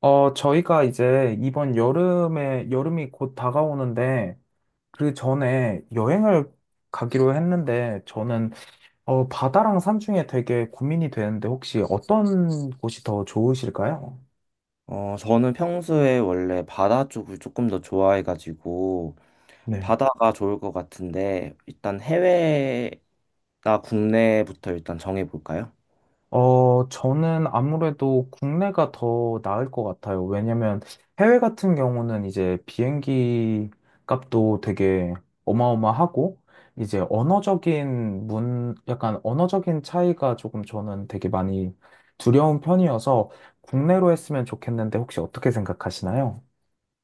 저희가 이제 이번 여름에, 여름이 곧 다가오는데, 그 전에 여행을 가기로 했는데, 저는, 바다랑 산 중에 되게 고민이 되는데, 혹시 어떤 곳이 더 좋으실까요? 저는 평소에 원래 바다 쪽을 조금 더 좋아해가지고, 네. 바다가 좋을 것 같은데, 일단 해외나 국내부터 일단 정해볼까요? 저는 아무래도 국내가 더 나을 것 같아요. 왜냐면 해외 같은 경우는 이제 비행기 값도 되게 어마어마하고, 이제 언어적인 약간 언어적인 차이가 조금 저는 되게 많이 두려운 편이어서 국내로 했으면 좋겠는데 혹시 어떻게 생각하시나요?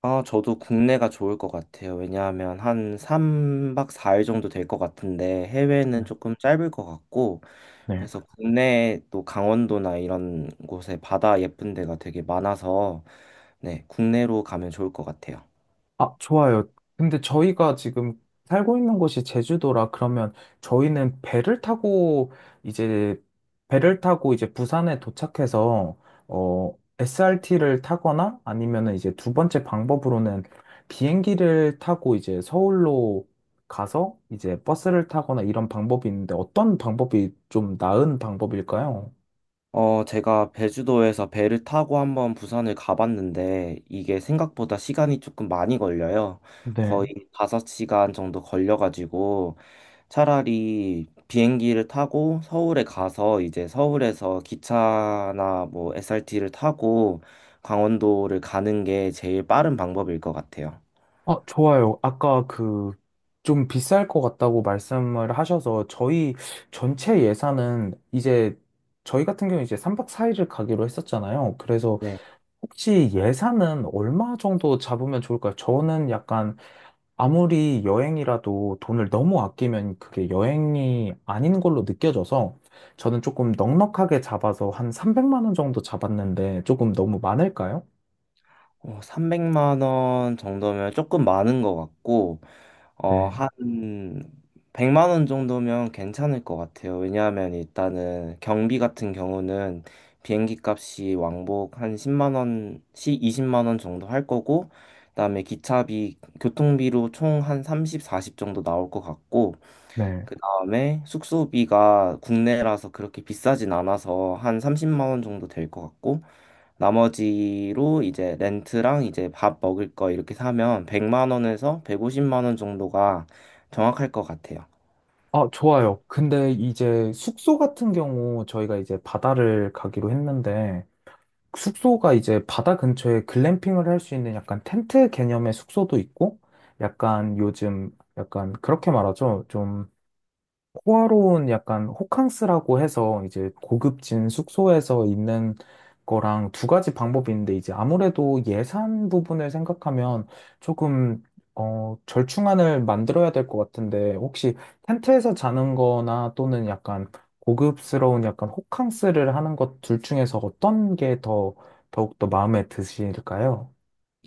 아, 저도 국내가 좋을 것 같아요. 왜냐하면 한 3박 4일 정도 될 것 같은데, 네. 해외는 조금 짧을 것 같고, 네. 그래서 국내 또 강원도나 이런 곳에 바다 예쁜 데가 되게 많아서, 네, 국내로 가면 좋을 것 같아요. 아, 좋아요. 근데 저희가 지금 살고 있는 곳이 제주도라 그러면 저희는 이제 배를 타고 이제 부산에 도착해서 SRT를 타거나 아니면은 이제 두 번째 방법으로는 비행기를 타고 이제 서울로 가서 이제 버스를 타거나 이런 방법이 있는데 어떤 방법이 좀 나은 방법일까요? 제가 제주도에서 배를 타고 한번 부산을 가봤는데 이게 생각보다 시간이 조금 많이 걸려요. 네. 거의 5시간 정도 걸려가지고 차라리 비행기를 타고 서울에 가서 이제 서울에서 기차나 뭐 SRT를 타고 강원도를 가는 게 제일 빠른 방법일 것 같아요. 아, 좋아요. 아까 그, 좀 비쌀 것 같다고 말씀을 하셔서, 저희 전체 예산은 이제, 저희 같은 경우 이제 3박 4일을 가기로 했었잖아요. 그래서 네. 혹시 예산은 얼마 정도 잡으면 좋을까요? 저는 약간 아무리 여행이라도 돈을 너무 아끼면 그게 여행이 아닌 걸로 느껴져서, 저는 조금 넉넉하게 잡아서 한 300만 원 정도 잡았는데, 조금 너무 많을까요? 300만 원 정도면 조금 많은 것 같고 네, 한 100만 원 정도면 괜찮을 것 같아요. 왜냐하면 일단은 경비 같은 경우는 비행기 값이 왕복 한 10만 원씩 20만 원 정도 할 거고, 그다음에 기차비, 교통비로 총 한 30, 40 정도 나올 것 같고, 네. 그다음에 숙소비가 국내라서 그렇게 비싸진 않아서 한 30만 원 정도 될 것 같고, 나머지로 이제 렌트랑 이제 밥 먹을 거 이렇게 사면 100만 원에서 150만 원 정도가 정확할 것 같아요. 아, 좋아요. 근데 이제 숙소 같은 경우 저희가 이제 바다를 가기로 했는데 숙소가 이제 바다 근처에 글램핑을 할 수 있는 약간 텐트 개념의 숙소도 있고 약간 요즘 약간 그렇게 말하죠. 좀 호화로운 약간 호캉스라고 해서 이제 고급진 숙소에서 있는 거랑 두 가지 방법이 있는데 이제 아무래도 예산 부분을 생각하면 조금 절충안을 만들어야 될 것 같은데 혹시 텐트에서 자는 거나 또는 약간 고급스러운 약간 호캉스를 하는 것 둘 중에서 어떤 게 더 더욱더 마음에 드실까요?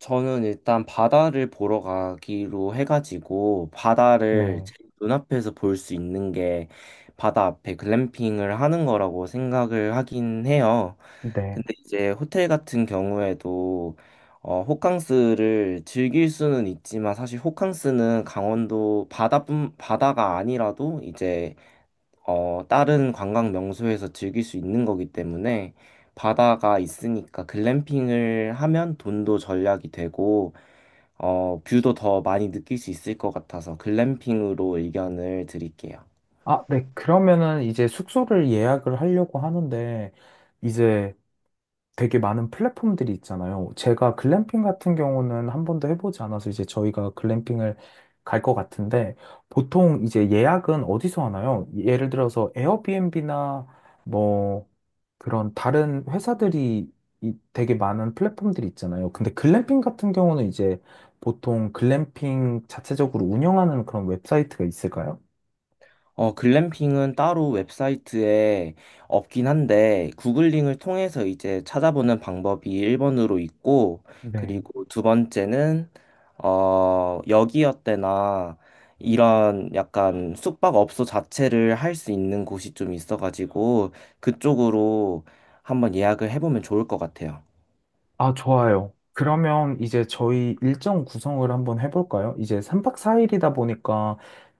저는 일단 바다를 보러 가기로 해가지고 바다를 네, 제 눈앞에서 볼 수 있는 게 바다 앞에 글램핑을 하는 거라고 생각을 하긴 해요. 네. 근데 이제 호텔 같은 경우에도 호캉스를 즐길 수는 있지만 사실 호캉스는 강원도 바다뿐 바다가 아니라도 이제 다른 관광 명소에서 즐길 수 있는 거기 때문에 바다가 있으니까 글램핑을 하면 돈도 절약이 되고 뷰도 더 많이 느낄 수 있을 것 같아서 글램핑으로 의견을 드릴게요. 아, 네. 그러면은 이제 숙소를 예약을 하려고 하는데 이제 되게 많은 플랫폼들이 있잖아요. 제가 글램핑 같은 경우는 한 번도 해보지 않아서 이제 저희가 글램핑을 갈 것 같은데 보통 이제 예약은 어디서 하나요? 예를 들어서 에어비앤비나 뭐 그런 다른 회사들이 되게 많은 플랫폼들이 있잖아요. 근데 글램핑 같은 경우는 이제 보통 글램핑 자체적으로 운영하는 그런 웹사이트가 있을까요? 글램핑은 따로 웹사이트에 없긴 한데, 구글링을 통해서 이제 찾아보는 방법이 1번으로 있고, 네. 그리고 두 번째는, 여기어때나 이런 약간 숙박업소 자체를 할 수 있는 곳이 좀 있어가지고, 그쪽으로 한번 예약을 해보면 좋을 것 같아요. 아, 좋아요. 그러면 이제 저희 일정 구성을 한번 해볼까요? 이제 3박 4일이다 보니까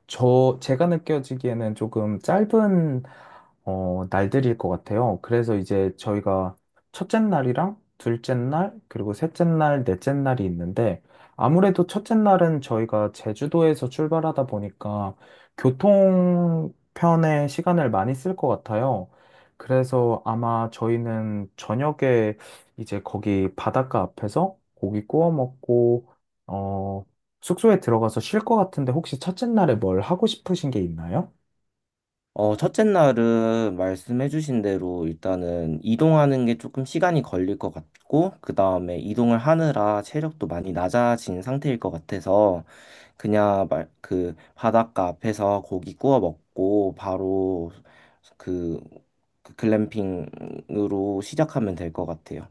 제가 느껴지기에는 조금 짧은, 날들일 것 같아요. 그래서 이제 저희가 첫째 날이랑 둘째 날, 그리고 셋째 날, 넷째 날이 있는데 아무래도 첫째 날은 저희가 제주도에서 출발하다 보니까 교통편에 시간을 많이 쓸 것 같아요. 그래서 아마 저희는 저녁에 이제 거기 바닷가 앞에서 고기 구워 먹고, 어, 숙소에 들어가서 쉴 것 같은데 혹시 첫째 날에 뭘 하고 싶으신 게 있나요? 첫째 날은 말씀해주신 대로 일단은 이동하는 게 조금 시간이 걸릴 것 같고, 그 다음에 이동을 하느라 체력도 많이 낮아진 상태일 것 같아서, 그냥 그 바닷가 앞에서 고기 구워 먹고, 바로 그, 그 글램핑으로 시작하면 될 것 같아요.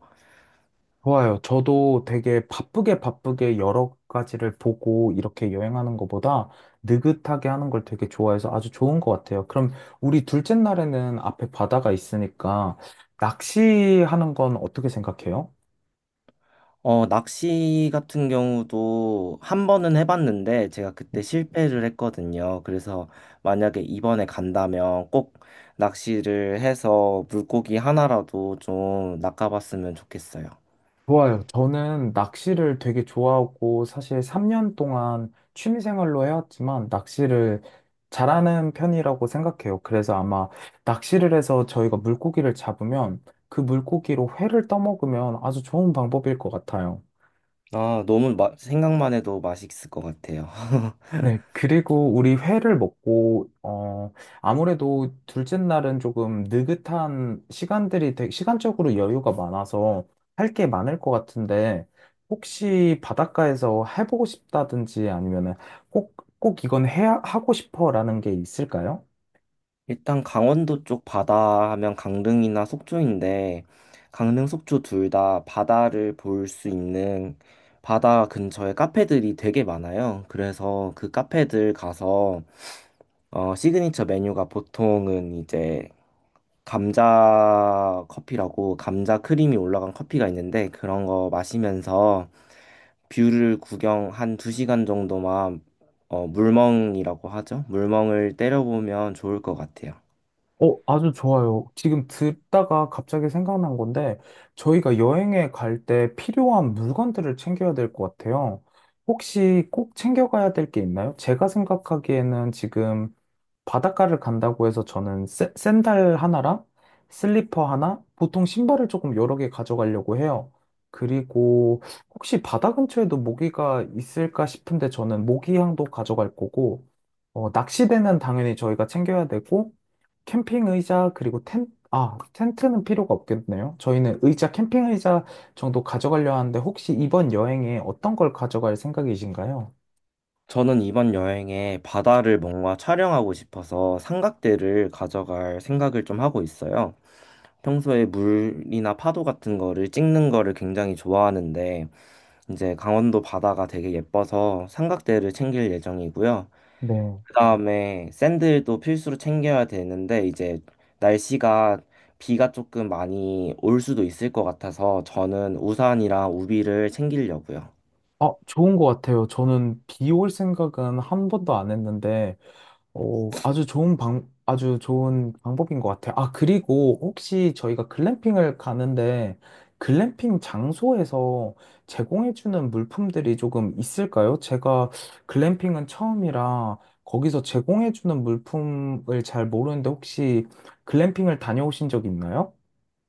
좋아요. 저도 되게 바쁘게 바쁘게 여러 가지를 보고 이렇게 여행하는 것보다 느긋하게 하는 걸 되게 좋아해서 아주 좋은 것 같아요. 그럼 우리 둘째 날에는 앞에 바다가 있으니까 낚시하는 건 어떻게 생각해요? 낚시 같은 경우도 한 번은 해봤는데 제가 그때 실패를 했거든요. 그래서 만약에 이번에 간다면 꼭 낚시를 해서 물고기 하나라도 좀 낚아봤으면 좋겠어요. 좋아요. 저는 낚시를 되게 좋아하고 사실 3년 동안 취미 생활로 해왔지만 낚시를 잘하는 편이라고 생각해요. 그래서 아마 낚시를 해서 저희가 물고기를 잡으면 그 물고기로 회를 떠먹으면 아주 좋은 방법일 것 같아요. 아, 너무 생각만 해도 맛있을 것 같아요. 네, 그리고 우리 회를 먹고, 아무래도 둘째 날은 조금 느긋한 시간들이, 시간적으로 여유가 많아서 할 게 많을 것 같은데, 혹시 바닷가에서 해보고 싶다든지 아니면은 꼭, 꼭 이건 하고 싶어라는 게 있을까요? 일단 강원도 쪽 바다 하면 강릉이나 속초인데 강릉, 속초 둘 다 바다를 볼 수 있는 바다 근처에 카페들이 되게 많아요. 그래서 그 카페들 가서 시그니처 메뉴가 보통은 이제 감자 커피라고 감자 크림이 올라간 커피가 있는데 그런 거 마시면서 뷰를 구경 한 2시간 정도만 물멍이라고 하죠. 물멍을 때려보면 좋을 것 같아요. 아주 좋아요. 지금 듣다가 갑자기 생각난 건데, 저희가 여행에 갈 때 필요한 물건들을 챙겨야 될 것 같아요. 혹시 꼭 챙겨가야 될 게 있나요? 제가 생각하기에는 지금 바닷가를 간다고 해서 저는 샌들 하나랑 슬리퍼 하나, 보통 신발을 조금 여러 개 가져가려고 해요. 그리고 혹시 바다 근처에도 모기가 있을까 싶은데 저는 모기향도 가져갈 거고, 낚시대는 당연히 저희가 챙겨야 되고, 캠핑 의자 그리고 텐 아, 텐트는 필요가 없겠네요. 저희는 캠핑 의자 정도 가져가려 하는데 혹시 이번 여행에 어떤 걸 가져갈 생각이신가요? 저는 이번 여행에 바다를 뭔가 촬영하고 싶어서 삼각대를 가져갈 생각을 좀 하고 있어요. 평소에 물이나 파도 같은 거를 찍는 거를 굉장히 좋아하는데, 이제 강원도 바다가 되게 예뻐서 삼각대를 챙길 예정이고요. 네. 그다음에 샌들도 필수로 챙겨야 되는데, 이제 날씨가 비가 조금 많이 올 수도 있을 것 같아서 저는 우산이랑 우비를 챙기려고요. 아, 좋은 것 같아요. 저는 비 올 생각은 한 번도 안 했는데 오, 아주 좋은 아주 좋은 방법인 것 같아요. 아, 그리고 혹시 저희가 글램핑을 가는데 글램핑 장소에서 제공해주는 물품들이 조금 있을까요? 제가 글램핑은 처음이라 거기서 제공해주는 물품을 잘 모르는데 혹시 글램핑을 다녀오신 적 있나요?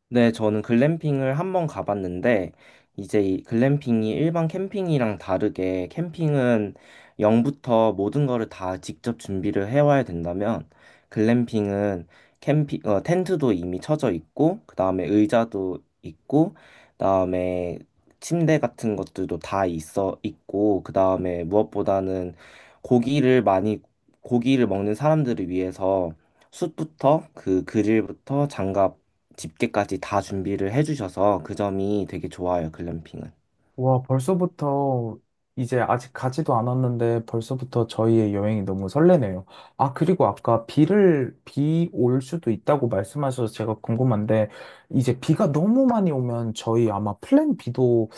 네, 저는 글램핑을 한번 가봤는데, 이제 이 글램핑이 일반 캠핑이랑 다르게 캠핑은 0부터 모든 거를 다 직접 준비를 해와야 된다면, 글램핑은 캠핑, 텐트도 이미 쳐져 있고, 그 다음에 의자도 있고, 그 다음에 침대 같은 것들도 다 있어 있고, 그 다음에 무엇보다는 고기를 많이, 고기를 먹는 사람들을 위해서 숯부터 그 그릴부터 장갑 집게까지 다 준비를 해주셔서 그 점이 되게 좋아요, 글램핑은. 와, 벌써부터 이제 아직 가지도 않았는데 벌써부터 저희의 여행이 너무 설레네요. 아, 그리고 아까 비 올 수도 있다고 말씀하셔서 제가 궁금한데 이제 비가 너무 많이 오면 저희 아마 플랜 B도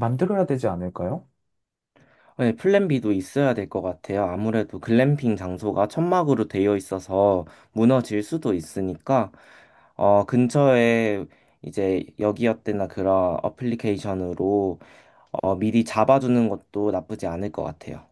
만들어야 되지 않을까요? 네, 플랜 B도 있어야 될 것 같아요. 아무래도 글램핑 장소가 천막으로 되어 있어서 무너질 수도 있으니까, 근처에 이제 여기어때나 그런 어플리케이션으로 미리 잡아주는 것도 나쁘지 않을 것 같아요.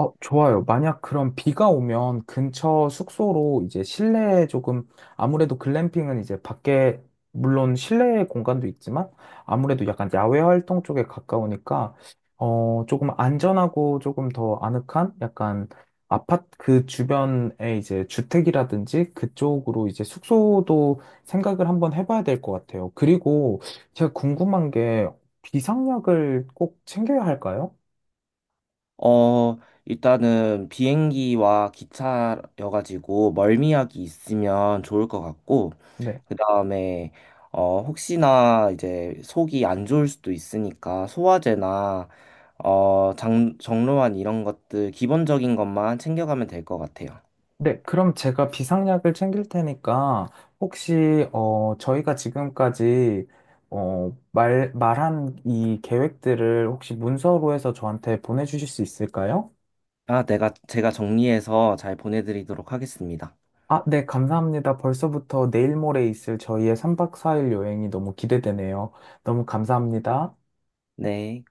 좋아요. 만약 그럼 비가 오면 근처 숙소로 이제 실내에 조금 아무래도 글램핑은 이제 밖에 물론 실내 공간도 있지만 아무래도 약간 야외 활동 쪽에 가까우니까 조금 안전하고 조금 더 아늑한 약간 아파트 그 주변에 이제 주택이라든지 그쪽으로 이제 숙소도 생각을 한번 해봐야 될 것 같아요. 그리고 제가 궁금한 게 비상약을 꼭 챙겨야 할까요? 어, 일단은 비행기와 기차여가지고 멀미약이 있으면 좋을 것 같고, 네. 그다음에 혹시나 이제 속이 안 좋을 수도 있으니까 소화제나 정로환 이런 것들 기본적인 것만 챙겨가면 될 것 같아요. 네, 그럼 제가 비상약을 챙길 테니까 혹시 저희가 지금까지 말 말한 이 계획들을 혹시 문서로 해서 저한테 보내주실 수 있을까요? 아, 내가 제가 정리해서 잘 보내드리도록 하겠습니다. 아, 네, 감사합니다. 벌써부터 내일 모레 있을 저희의 3박 4일 여행이 너무 기대되네요. 너무 감사합니다. 네.